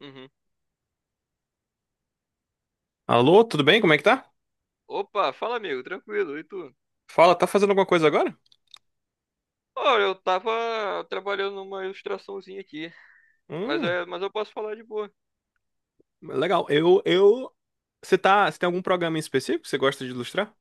Uhum. Alô, tudo bem? Como é que tá? Opa, fala amigo, tranquilo, e tu? Fala, tá fazendo alguma coisa agora? Olha, eu tava trabalhando numa ilustraçãozinha aqui, mas, Hum, mas eu posso falar de boa. legal. Eu. Você tem algum programa em específico que você gosta de ilustrar?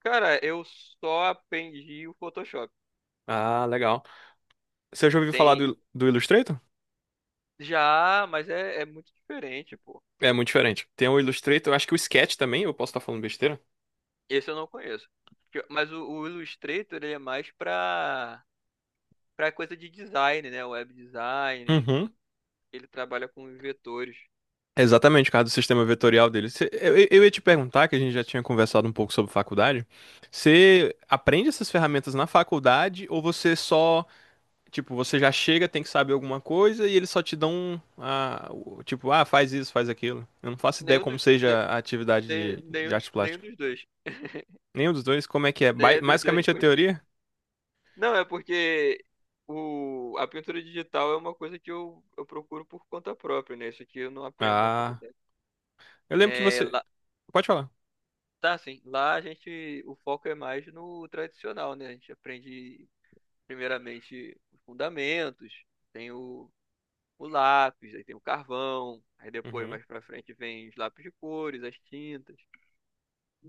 Cara, eu só aprendi o Photoshop. Ah, legal. Você já ouviu falar Tem do Illustrator? já, mas é muito diferente, pô. É muito diferente. Tem o Illustrator, acho que o Sketch também, eu posso estar falando besteira. Esse eu não conheço. Mas o Illustrator, ele é mais pra coisa de design, né? Web design, Uhum. ele trabalha com vetores. Exatamente, por causa do sistema vetorial dele. Eu ia te perguntar, que a gente já tinha conversado um pouco sobre faculdade. Você aprende essas ferramentas na faculdade ou você só. Tipo, você já chega, tem que saber alguma coisa e eles só te dão tipo, ah, faz isso, faz aquilo. Eu não faço ideia Nenhum, como seja a atividade de arte nenhum plástica. dos dois. Nenhum dos dois, como é que é? Ba- Nenhum dos dois, Basicamente a porque teoria? não, é porque a pintura digital é uma coisa que eu procuro por conta própria, né? Isso aqui eu não aprendo na Ah, faculdade. eu lembro que É, você. lá, Pode falar. tá, assim, lá a gente, o foco é mais no tradicional, né? A gente aprende primeiramente os fundamentos, tem o lápis, aí tem o carvão, aí depois Uhum. mais pra frente vem os lápis de cores, as tintas.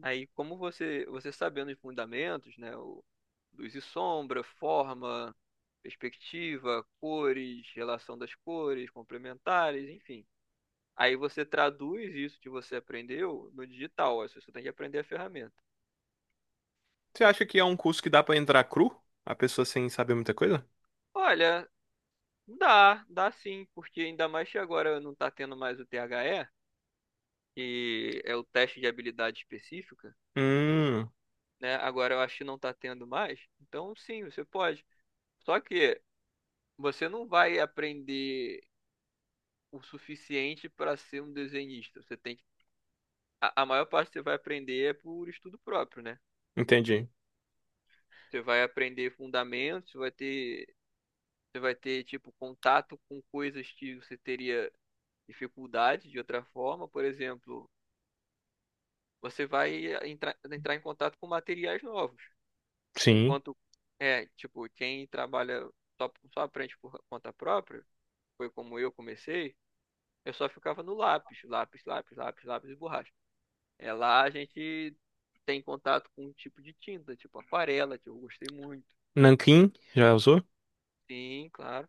Aí, como você sabendo os fundamentos, né, o, luz e sombra, forma, perspectiva, cores, relação das cores, complementares, enfim. Aí você traduz isso que você aprendeu no digital, ó, você só tem que aprender a ferramenta. Você acha que é um curso que dá pra entrar cru? A pessoa sem saber muita coisa? Olha, dá, dá sim, porque ainda mais que agora não está tendo mais o T H E, que é o teste de habilidade específica, Hum, né? Agora eu acho que não está tendo mais, então sim, você pode. Só que você não vai aprender o suficiente para ser um desenhista. A maior parte que você vai aprender é por estudo próprio, né? Entendi. Você vai aprender fundamentos, você vai ter tipo contato com coisas que você teria dificuldade de outra forma, por exemplo, você vai entrar em contato com materiais novos. Sim. Enquanto é, tipo, quem trabalha só aprende por conta própria, foi como eu comecei, eu só ficava no lápis, lápis, lápis, lápis, lápis e borracha. É lá a gente tem contato com um tipo de tinta, tipo aquarela, que eu gostei muito. Nanquim, já usou? Sim, claro.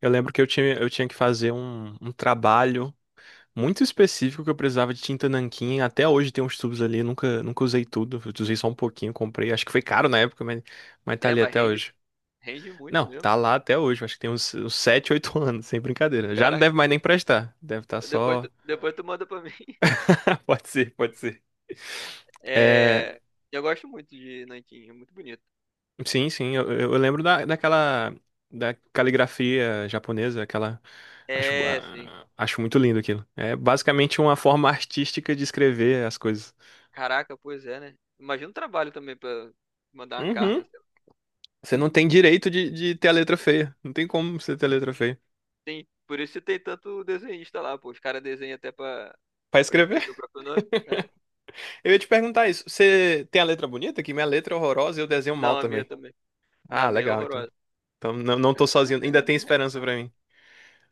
Eu lembro que eu tinha que fazer um trabalho muito específico que eu precisava de tinta nanquim. Até hoje tem uns tubos ali, nunca usei tudo. Eu usei só um pouquinho, comprei. Acho que foi caro na época, mas tá É, ali mas até rende, hoje. rende muito Não, mesmo. tá lá até hoje. Acho que tem uns 7, 8 anos, sem brincadeira. Já não deve Caraca, mais nem prestar. Deve estar só. Depois tu manda pra mim. Pode ser, pode ser. É, É, eu gosto muito de nanquim, é muito bonito. sim, sim, eu lembro daquela da caligrafia japonesa, aquela. acho, É, sim. ah, acho muito lindo aquilo. É basicamente uma forma artística de escrever as coisas. Caraca, pois é, né? Imagina o trabalho também pra mandar uma carta. Sei lá. Você não tem direito de ter a letra feia. Não tem como você ter a letra feia. Tem, por isso que tem tanto desenhista lá, pô. Os caras desenham até Pra pra escrever, escrever o próprio nome, né? eu ia te perguntar isso. Você tem a letra bonita? Que minha letra é horrorosa e eu desenho mal Não, a minha também. também. Na Ah, minha é legal, então. horrorosa. Então não, não tô sozinho. Ainda tem esperança pra mim.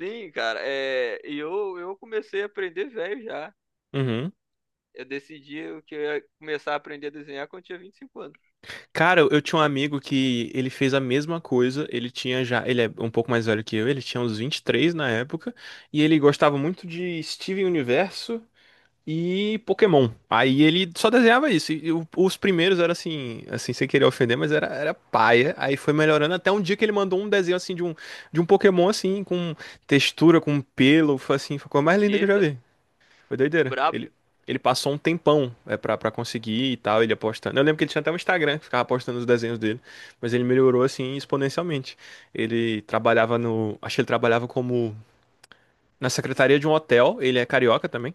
Sim, cara, é, e eu comecei a aprender velho já. Uhum. Eu decidi que eu ia começar a aprender a desenhar quando eu tinha 25 anos. Cara, eu tinha um amigo que ele fez a mesma coisa. Ele tinha já. Ele é um pouco mais velho que eu. Ele tinha uns 23 na época. E ele gostava muito de Steven Universo e Pokémon. Aí ele só desenhava isso. E os primeiros eram assim, assim, sem querer ofender, mas era paia. Aí foi melhorando até um dia que ele mandou um desenho assim de um Pokémon assim, com textura, com pelo, foi assim, foi a coisa mais linda que eu já Eita, vi. Foi doideira. brabo. Ele passou um tempão pra conseguir e tal, ele apostando. Eu lembro que ele tinha até um Instagram, que ficava postando os desenhos dele, mas ele melhorou assim exponencialmente. Ele trabalhava no, acho que ele trabalhava como na secretaria de um hotel, ele é carioca também.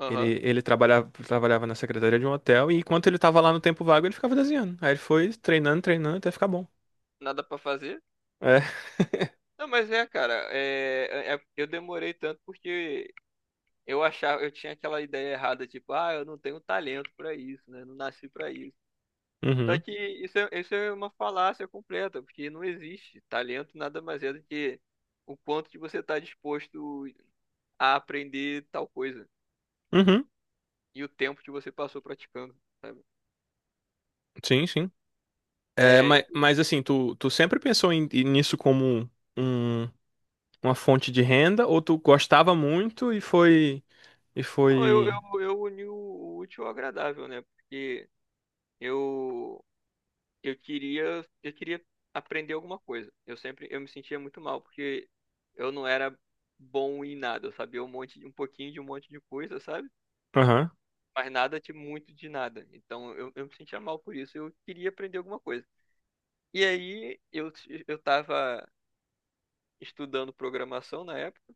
Aham, Ele trabalhava na secretaria de um hotel e enquanto ele tava lá no tempo vago, ele ficava desenhando. Aí ele foi treinando, treinando até ficar bom. nada pra fazer. É. Não, mas é, cara, é, eu demorei tanto porque eu achava, eu tinha aquela ideia errada, tipo, ah, eu não tenho talento pra isso, né? Não nasci pra isso. Só Uhum. que isso é uma falácia completa, porque não existe. Talento nada mais é do que o quanto que você tá disposto a aprender tal coisa. Uhum. E o tempo que você passou praticando, sabe? Sim, sim. É, É, mas, então, mas assim, tu sempre pensou nisso como um, uma fonte de renda ou tu gostava muito e foi e foi eu uni o útil ao agradável, né? Porque eu, eu queria aprender alguma coisa. Eu sempre, eu me sentia muito mal, porque eu não era bom em nada, eu sabia um monte, um pouquinho de um monte de coisa, sabe? Aham. Mas nada de muito de nada. Então eu me sentia mal por isso, eu queria aprender alguma coisa. E aí eu tava estudando programação na época,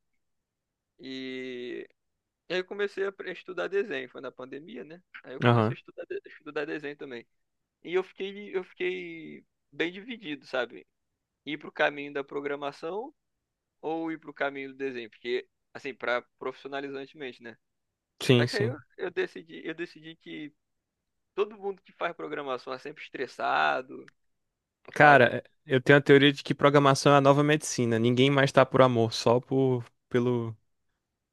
e aí eu comecei a estudar desenho, foi na pandemia, né? Aí eu comecei Aham. a estudar desenho também. E eu fiquei bem dividido, sabe? Ir pro caminho da programação ou ir pro caminho do desenho, porque assim, para profissionalizantemente, né? Sim, Só que aí sim. Eu decidi que todo mundo que faz programação é sempre estressado, sabe? Cara, eu tenho a teoria de que programação é a nova medicina. Ninguém mais tá por amor, só por pelo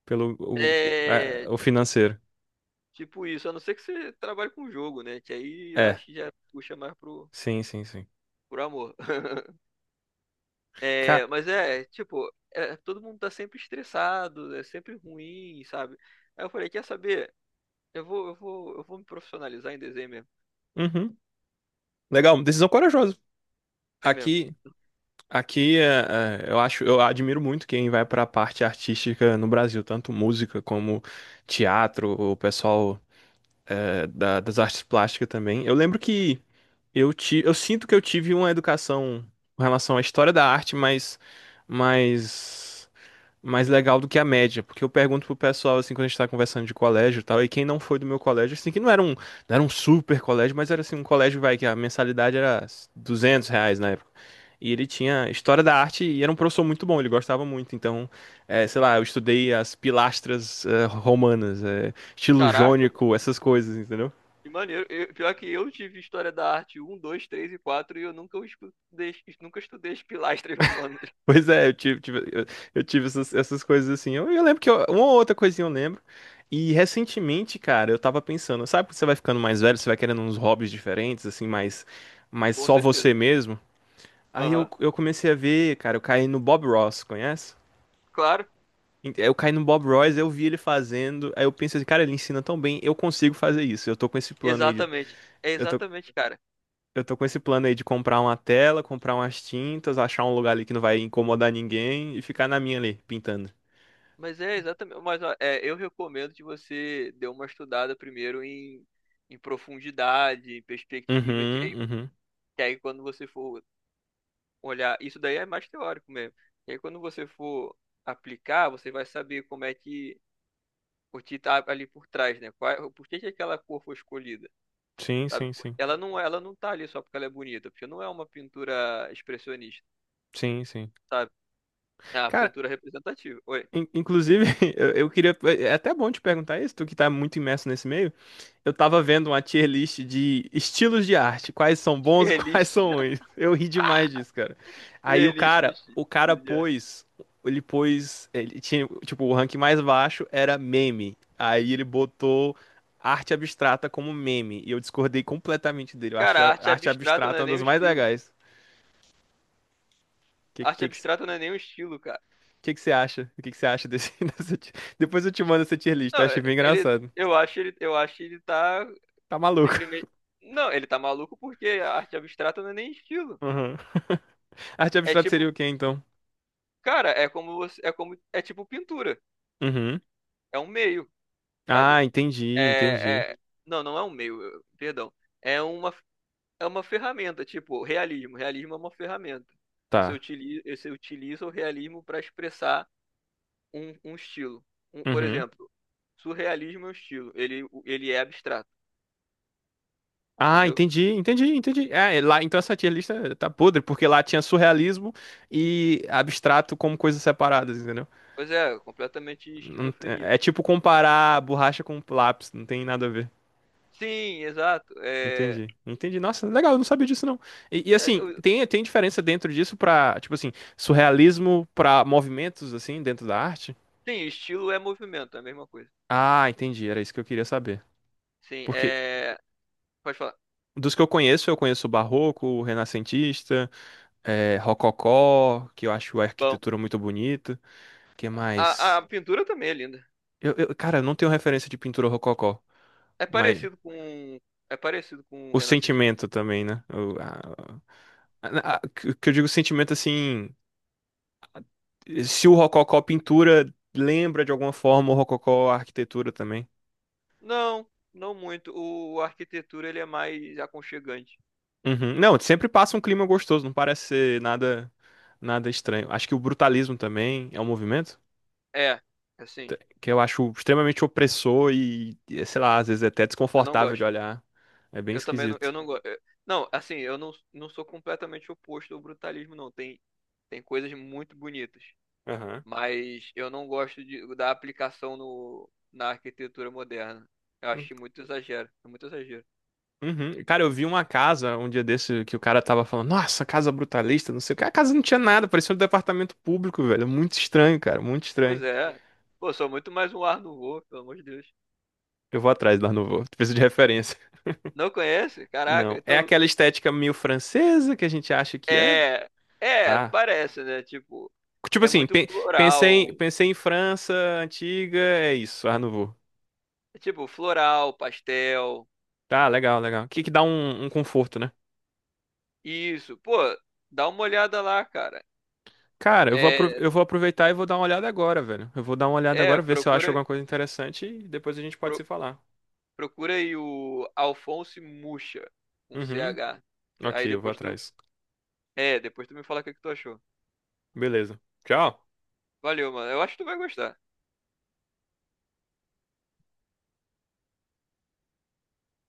pelo o é, É, o financeiro. tipo isso, a não ser que você trabalhe com jogo, né? Que aí eu É. acho que já puxa mais pro, Sim, sim, sim. pro amor. Ca-. É, mas é, tipo, é, todo mundo tá sempre estressado, é sempre ruim, sabe? Aí eu falei, quer saber? Eu vou me profissionalizar em desenho mesmo. Uhum. Legal, decisão corajosa. É mesmo. Aqui, aqui, eu admiro muito quem vai para a parte artística no Brasil, tanto música como teatro, o pessoal das artes plásticas também. Eu lembro que eu sinto que eu tive uma educação com relação à história da arte, mas mais legal do que a média, porque eu pergunto pro pessoal assim quando a gente tá conversando de colégio e tal, e quem não foi do meu colégio, assim, que não era um super colégio, mas era assim um colégio vai que a mensalidade era R$ 200 na época. E ele tinha história da arte e era um professor muito bom, ele gostava muito. Então, sei lá, eu estudei as pilastras romanas, estilo Caraca, mano, jônico, essas coisas, entendeu? que maneiro. Eu- pior que eu tive história da arte um, 2, 3 e 4 e eu nunca os estudei, nunca estudei as pilastras romanas. Pois é, eu tive essas coisas assim. Eu lembro que uma ou outra coisinha eu lembro. E recentemente, cara, eu tava pensando, sabe que você vai ficando mais velho, você vai querendo uns hobbies diferentes, assim, mais Com só você certeza. mesmo? Aí eu, Aham. eu comecei a ver, cara, eu caí no Bob Ross, conhece? Claro, Eu caí no Bob Ross, eu vi ele fazendo, aí eu pensei, assim, cara, ele ensina tão bem, eu consigo fazer isso. Eu tô com esse plano aí de, exatamente. É eu tô, exatamente, cara. eu tô com esse plano aí de comprar uma tela, comprar umas tintas, achar um lugar ali que não vai incomodar ninguém e ficar na minha ali, pintando. Mas é exatamente. Mas ó, é, eu recomendo que você dê uma estudada primeiro em, em profundidade, em perspectiva, que é. Uhum, uhum. E aí, quando você for olhar, isso daí é mais teórico mesmo. E aí, quando você for aplicar, você vai saber como é que o que tá ali por trás, né? Qual, é, por que que aquela cor foi escolhida, Sim, sabe? sim, sim. Ela não tá ali só porque ela é bonita, porque não é uma pintura expressionista, Sim, sim. sabe? É uma Cara, pintura representativa. Oi. inclusive, eu queria. É até bom te perguntar isso, tu que tá muito imerso nesse meio. Eu tava vendo uma tier list de estilos de arte, quais são bons e Tier quais list. são ruins. Eu ri demais disso, cara. Aí Tier o list de cara, Tielist. o cara Tielist. pôs. Ele pôs. Ele tinha, tipo, o rank mais baixo era meme. Aí ele botou arte abstrata como meme. E eu discordei completamente dele. Eu Cara, acho a a arte arte abstrata não abstrata é uma nem um das mais estilo. legais. O que, A arte que, que abstrata não é nem um estilo, cara. O que que você acha? O que que você acha dessa ti-. Depois eu te mando essa tier list, eu Não, achei é, bem ele, engraçado. Eu acho ele tá Tá maluco. simplesmente. Não, ele tá maluco porque a arte abstrata não é nem estilo. Uhum. Arte É abstrata tipo, seria o quê, então? cara, é como é tipo pintura. Uhum. É um meio, sabe? Ah, entendi, entendi. É, é- não, não é um meio, eu- perdão. É uma é uma ferramenta, tipo, realismo. Realismo é uma ferramenta. Tá. Você utiliza o realismo para expressar um estilo. Um- por Uhum. exemplo, surrealismo é um estilo. Ele é abstrato, Ah, entendeu? entendi, entendi, entendi. É lá, então essa tier lista tá podre, porque lá tinha surrealismo e abstrato como coisas separadas, entendeu? Pois é, completamente Não te- esquizofrenia. é tipo comparar borracha com lápis, não tem nada a ver. Sim, exato. É, Entendi, entendi. Nossa, legal, eu não sabia disso não. E, é, assim, tem diferença dentro disso pra, tipo assim, surrealismo pra movimentos, assim, dentro da arte? sim, estilo é movimento, é a mesma coisa. Ah, entendi, era isso que eu queria saber. Sim, Porque é. Pode falar. dos que eu conheço o barroco, o renascentista, rococó, que eu acho a Bom, arquitetura muito bonita. Que mais? a pintura também é linda. Cara, eu não tenho referência de pintura rococó, É mas parecido com. É parecido com o o renascentista. sentimento também, né? O, a- que eu digo sentimento assim. Se o Rococó pintura lembra de alguma forma o Rococó arquitetura também. Não, não muito. O, a arquitetura ele é mais aconchegante. Uhum. Não, sempre passa um clima gostoso, não parece ser nada estranho. Acho que o brutalismo também é um movimento É, assim, que eu acho extremamente opressor e, sei lá, às vezes é até eu não desconfortável de gosto. olhar. É bem Eu também não, eu esquisito. não gosto. Não, assim, eu não, não sou completamente oposto ao brutalismo, não. Tem, tem coisas muito bonitas. Aham. Mas eu não gosto de, da aplicação no, na arquitetura moderna. Eu Hum, acho muito exagero. É muito exagero. Uhum. Cara, eu vi uma casa um dia desse que o cara tava falando, nossa, casa brutalista, não sei o que. A casa não tinha nada, parecia um departamento público, velho. Muito estranho, cara, muito Pois estranho. é. Pô, sou muito mais um ar no voo, pelo amor de Deus. Eu vou atrás lá no voo. Preciso de referência. Não conhece? Caraca, Não. É então. aquela estética meio francesa que a gente acha que é? É. É, Ah. parece, né? Tipo, Tipo é assim, muito pe- floral. pensei, pensei em França antiga, é isso, Art Nouveau. É tipo, floral, pastel. Tá, legal, legal. Que dá um conforto, né? Isso. Pô, dá uma olhada lá, cara. Cara, eu vou, apro- É, eu vou aproveitar e vou dar uma olhada agora, velho. Eu vou dar uma olhada é, agora, ver se eu acho procura, alguma coisa interessante e depois a gente pode se pro- falar. procura aí o Alphonse Mucha, com C Uhum. H. Ok, Aí eu vou depois tu. atrás. É, depois tu me fala o que que tu achou. Beleza. Tchau. Valeu, mano. Eu acho que tu vai gostar.